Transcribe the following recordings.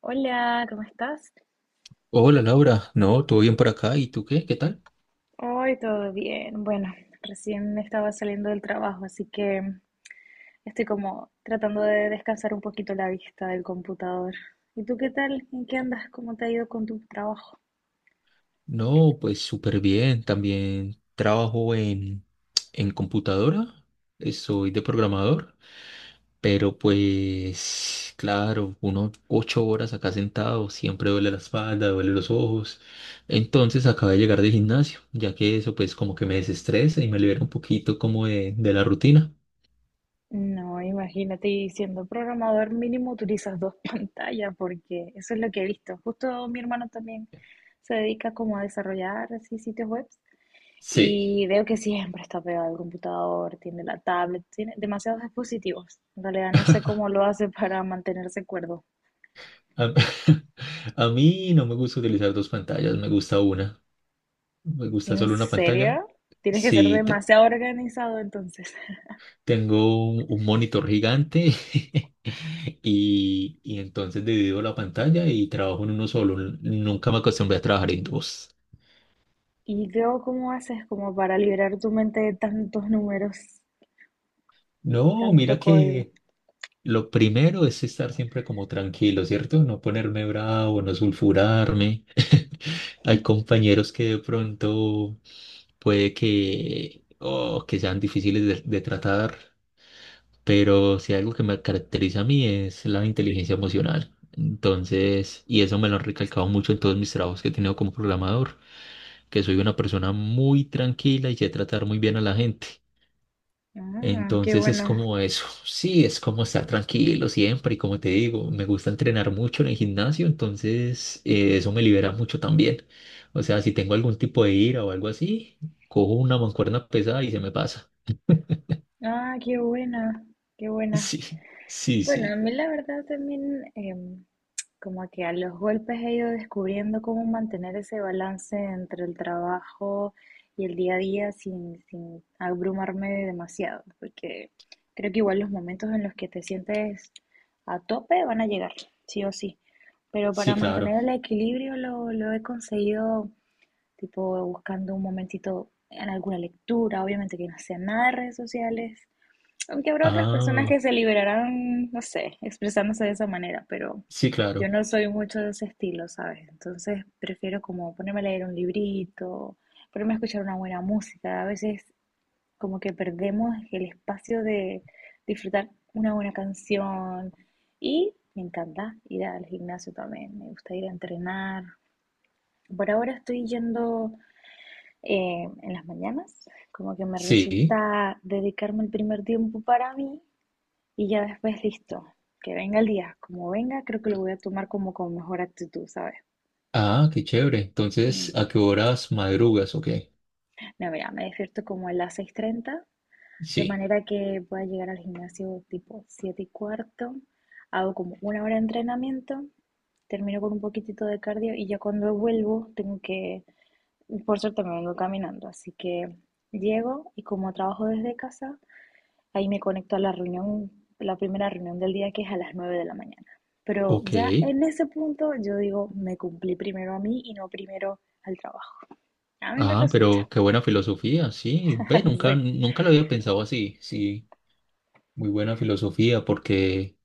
Hola, ¿cómo estás? Hola Laura, no, todo bien por acá. ¿Y tú qué? ¿Qué tal? Hoy todo bien. Bueno, recién estaba saliendo del trabajo, así que estoy como tratando de descansar un poquito la vista del computador. ¿Y tú qué tal? ¿En qué andas? ¿Cómo te ha ido con tu trabajo? No, pues súper bien. También trabajo en computadora. Soy de programador, pero pues claro, uno ocho horas acá sentado, siempre duele la espalda, duele los ojos. Entonces acabé de llegar del gimnasio, ya que eso pues como que me desestresa y me libera un poquito como de la rutina. No, imagínate, y siendo programador mínimo utilizas dos pantallas, porque eso es lo que he visto. Justo mi hermano también se dedica como a desarrollar así sitios web. Sí. Y veo que siempre está pegado al computador, tiene la tablet, tiene demasiados dispositivos. En realidad no sé cómo lo hace para mantenerse cuerdo. A, a mí no me gusta utilizar dos pantallas, me gusta una. Me gusta ¿En solo una pantalla. serio? Tienes que ser Sí. demasiado organizado entonces. Tengo un monitor gigante y entonces divido la pantalla y trabajo en uno solo. Nunca me acostumbré a trabajar en dos. Y veo cómo haces como para liberar tu mente de tantos números, No, tanto mira código. que lo primero es estar siempre como tranquilo, ¿cierto? No ponerme bravo, no sulfurarme. Hay compañeros que de pronto puede que, oh, que sean difíciles de tratar. Pero si algo que me caracteriza a mí es la inteligencia emocional. Entonces, y eso me lo han recalcado mucho en todos mis trabajos que he tenido como programador, que soy una persona muy tranquila y sé tratar muy bien a la gente. Ah, qué Entonces es bueno. como eso, sí, es como estar tranquilo siempre y como te digo, me gusta entrenar mucho en el gimnasio, entonces eso me libera mucho también. O sea, si tengo algún tipo de ira o algo así, cojo una mancuerna pesada y se me pasa. Ah, qué buena, qué buena. Sí, sí, Bueno, a sí, mí la verdad también como que a los golpes he ido descubriendo cómo mantener ese balance entre el trabajo y el día a día sin abrumarme demasiado, porque creo que igual los momentos en los que te sientes a tope van a llegar, sí o sí. Pero para sí, claro. mantener el equilibrio lo he conseguido tipo buscando un momentito en alguna lectura, obviamente que no sea nada de redes sociales, aunque habrá otras personas Ah. que se liberarán, no sé, expresándose de esa manera, pero Sí, yo claro. no soy mucho de ese estilo, ¿sabes? Entonces prefiero como ponerme a leer un librito, ponerme a escuchar una buena música. A veces como que perdemos el espacio de disfrutar una buena canción, y me encanta ir al gimnasio también, me gusta ir a entrenar. Por ahora estoy yendo en las mañanas, como que me Sí. resulta dedicarme el primer tiempo para mí, y ya después, listo, que venga el día, como venga, creo que lo voy a tomar como con mejor actitud, ¿sabes? Ah, qué chévere. Entonces, Mm. ¿a qué horas madrugas? ¿O qué? No, mira, me despierto como a las 6:30, de Sí. manera que voy a llegar al gimnasio tipo 7:15, hago como una hora de entrenamiento, termino con un poquitito de cardio y ya cuando vuelvo tengo que, por suerte me vengo caminando, así que llego y como trabajo desde casa, ahí me conecto a la reunión, la primera reunión del día, que es a las 9 de la mañana. Pero Ok. ya en ese punto yo digo, me cumplí primero a mí y no primero al trabajo. A mí me Ah, resulta. pero qué buena filosofía. Sí. Ve, nunca, nunca lo había pensado así. Sí. Muy buena filosofía porque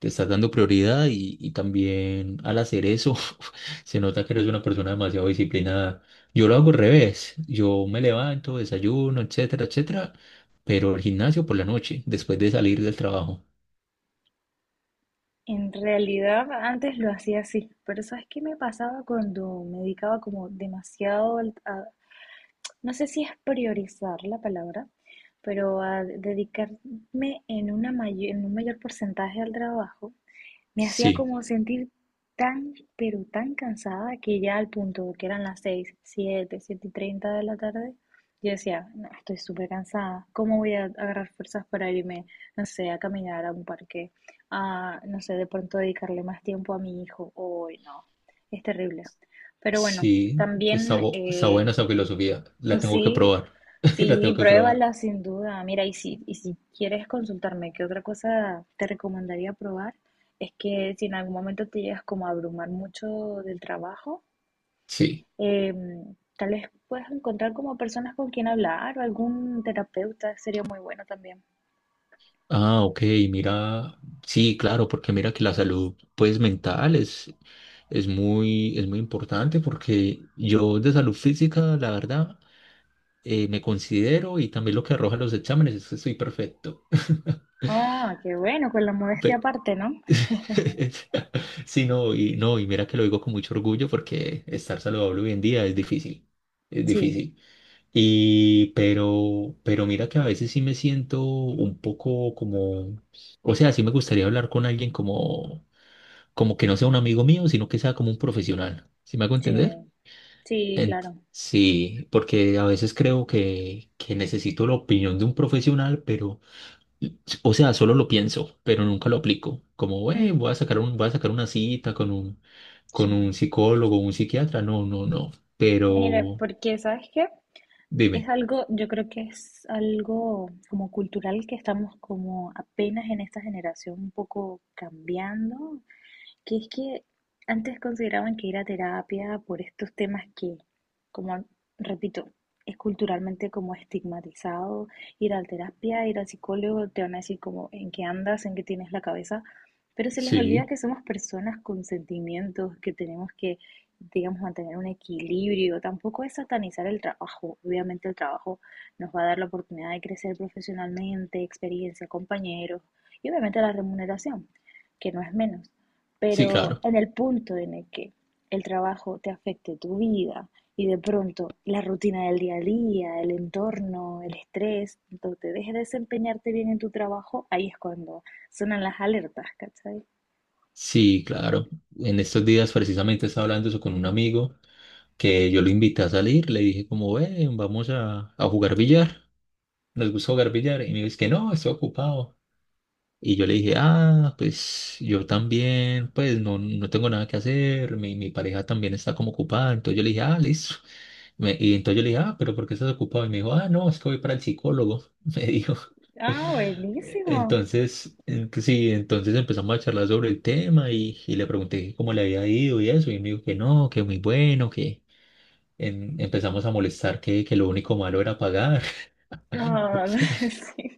te estás dando prioridad y también al hacer eso se nota que eres una persona demasiado disciplinada. Yo lo hago al revés. Yo me levanto, desayuno, etcétera, etcétera. Pero el gimnasio por la noche, después de salir del trabajo. En realidad antes lo hacía así, pero ¿sabes qué me pasaba cuando me dedicaba como demasiado a, no sé si es priorizar la palabra, pero a dedicarme en en un mayor porcentaje al trabajo? Me hacía Sí. como sentir tan, pero tan cansada, que ya al punto que eran las seis, siete, 7 y 30 de la tarde, yo decía, "No, estoy súper cansada, ¿cómo voy a agarrar fuerzas para irme, no sé, a caminar a un parque, a, no sé, de pronto dedicarle más tiempo a mi hijo? Hoy no, es terrible." Pero bueno, Sí, también está eh, buena esa filosofía. La tengo que Sí, probar. La tengo sí, que probar. pruébala sin duda. Mira, y si quieres consultarme qué otra cosa te recomendaría probar, es que si en algún momento te llegas como a abrumar mucho del trabajo, Sí. Tal vez puedas encontrar como personas con quien hablar o algún terapeuta, sería muy bueno también. Ah, ok, mira. Sí, claro, porque mira que la salud, pues, mental es muy importante porque yo de salud física, la verdad, me considero, y también lo que arrojan los exámenes es que soy perfecto. Ah, qué bueno, con la modestia Pe- aparte, ¿no? Sí, no, y no, y mira que lo digo con mucho orgullo porque estar saludable hoy en día es difícil. Es Sí, difícil. Y, pero mira que a veces sí me siento un poco como, o sea, sí me gustaría hablar con alguien como, como que no sea un amigo mío, sino que sea como un profesional. ¿Sí me hago sí, entender? sí, claro. Sí, porque a veces creo que necesito la opinión de un profesional, pero, o sea, solo lo pienso, pero nunca lo aplico. Como, Mm, voy a sacar un, voy a sacar una cita con sí. un psicólogo, un psiquiatra. No, no, no." Mira, Pero, porque ¿sabes qué? Es dime. algo, yo creo que es algo como cultural, que estamos como apenas en esta generación un poco cambiando, que es que antes consideraban que ir a terapia por estos temas que, como repito, es culturalmente como estigmatizado, ir a la terapia, ir al psicólogo, te van a decir como en qué andas, en qué tienes la cabeza, pero se les olvida Sí, que somos personas con sentimientos, que tenemos que, digamos, mantener un equilibrio. Tampoco es satanizar el trabajo. Obviamente el trabajo nos va a dar la oportunidad de crecer profesionalmente, experiencia, compañeros y obviamente la remuneración, que no es menos. sí, Pero claro. en el punto en el que el trabajo te afecte tu vida y de pronto la rutina del día a día, el entorno, el estrés, cuando te dejes desempeñarte bien en tu trabajo, ahí es cuando sonan las alertas, ¿cachai? Sí, claro. En estos días precisamente estaba hablando eso con un amigo, que yo lo invité a salir, le dije como, ven, vamos a jugar billar, nos gusta jugar billar, y me dice que no, estoy ocupado. Y yo le dije, ah, pues yo también, pues no, no tengo nada que hacer, mi pareja también está como ocupada, entonces yo le dije, ah, listo. Y entonces yo le dije, ah, pero ¿por qué estás ocupado? Y me dijo, ah, no, es que voy para el psicólogo, me dijo. Ah, buenísimo. Entonces, pues sí, entonces empezamos a charlar sobre el tema y le pregunté que cómo le había ido y eso, y él me dijo que no, que muy bueno, que empezamos a molestar que lo único malo era pagar. Ah, sí.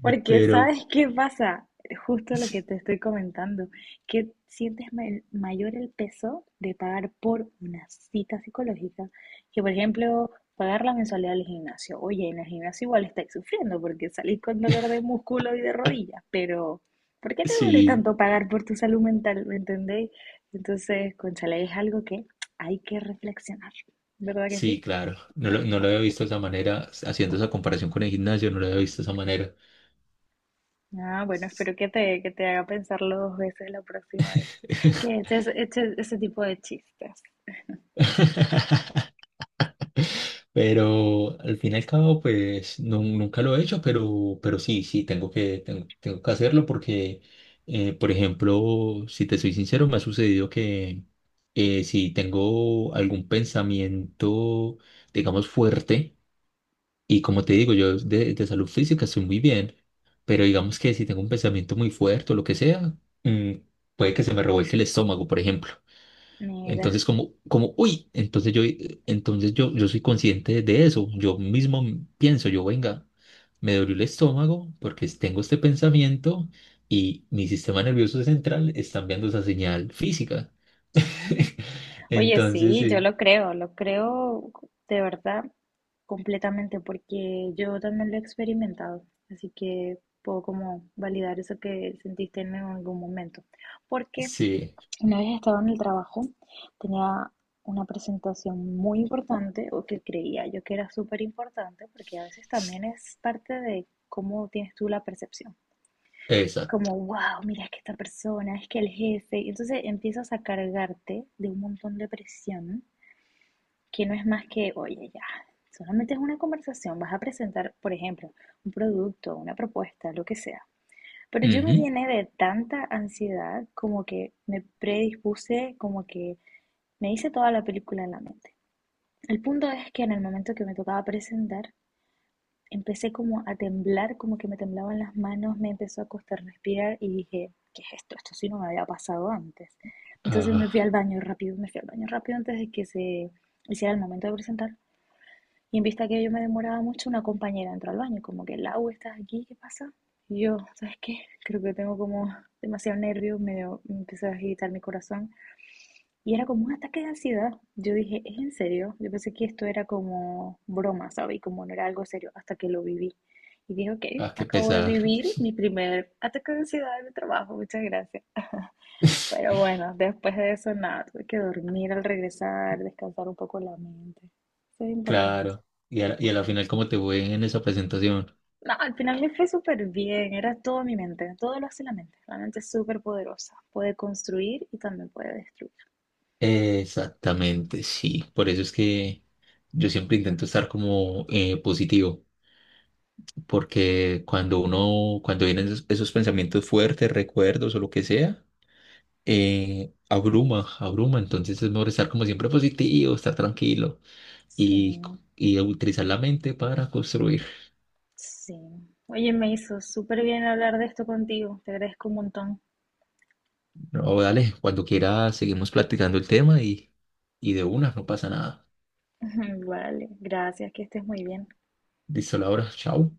Porque Pero ¿sabes qué pasa? Justo lo sí, que te estoy comentando, que sientes mayor el peso de pagar por una cita psicológica que, por ejemplo, pagar la mensualidad del gimnasio. Oye, en el gimnasio igual estáis sufriendo porque salís con dolor de músculo y de rodillas, pero ¿por qué te duele sí, tanto pagar por tu salud mental? ¿Me entendéis? Entonces, cónchale, es algo que hay que reflexionar, ¿verdad que sí, sí? claro, no lo había visto de esa manera, haciendo esa comparación con el gimnasio, no lo había visto de esa manera. Ah, bueno, espero que te haga pensarlo dos veces la próxima vez. Que eches ese tipo de chistes. Pero al fin y al cabo, pues nunca lo he hecho, pero sí, sí, tengo que, tengo, tengo que hacerlo porque, por ejemplo, si te soy sincero, me ha sucedido que si tengo algún pensamiento, digamos, fuerte, y como te digo, yo de salud física estoy muy bien, pero digamos que si tengo un pensamiento muy fuerte o lo que sea, mm, puede que se me revuelque el estómago, por ejemplo. Mira, Entonces, como, como, uy, entonces yo soy consciente de eso. Yo mismo pienso, yo, venga, me dolió el estómago porque tengo este pensamiento y mi sistema nervioso central está enviando esa señal física. sí. Oye, Entonces, sí, yo sí, lo creo de verdad completamente, porque yo también lo he experimentado. Así que puedo como validar eso que sentiste en algún momento. Porque sí, una vez estaba en el trabajo, tenía una presentación muy importante, o que creía yo que era súper importante, porque a veces s- también es parte de cómo tienes tú la percepción. Es esa. como, wow, mira, es que esta persona, es que el jefe. Y entonces empiezas a cargarte de un montón de presión, que no es más que, oye, ya, solamente es una conversación, vas a presentar, por ejemplo, un producto, una propuesta, lo que sea. Pero yo me Ujú. llené de tanta ansiedad, como que me predispuse, como que me hice toda la película en la mente. El punto es que en el momento que me tocaba presentar, empecé como a temblar, como que me temblaban las manos, me empezó a costar respirar y dije, ¿qué es esto? Esto sí no me había pasado antes. Entonces me fui Ah, al baño rápido, me fui al baño rápido antes de que se hiciera el momento de presentar. Y en vista que yo me demoraba mucho, una compañera entró al baño, como que, Lau, ¿estás aquí? ¿Qué pasa? Y yo, ¿sabes qué? Creo que tengo como demasiado nervio, me empezó a agitar mi corazón. Y era como un ataque de ansiedad. Yo dije, ¿es en serio? Yo pensé que esto era como broma, ¿sabes? Y como no era algo serio hasta que lo viví. Y dije, ok, ah, qué acabo de pesar. vivir mi primer ataque de ansiedad en mi trabajo, muchas gracias. Pero bueno, después de eso, nada, tuve que dormir al regresar, descansar un poco la mente. Eso es importante. Claro. Y a la final, ¿cómo te fue en esa presentación? No, al final me fue súper bien, era todo mi mente, todo lo hace la mente. La mente es súper poderosa, puede construir y también puede destruir. Exactamente, sí. Por eso es que yo siempre intento estar como positivo, porque cuando uno, cuando vienen esos, esos pensamientos fuertes, recuerdos o lo que sea, abruma, abruma. Entonces es mejor estar como siempre positivo, estar tranquilo y, Sí. y utilizar la mente para construir. Sí. Oye, me hizo súper bien hablar de esto contigo. Te agradezco un montón. No, dale, cuando quiera seguimos platicando el tema y de una, no pasa nada. Vale, gracias, que estés muy bien. Listo, Laura, chao.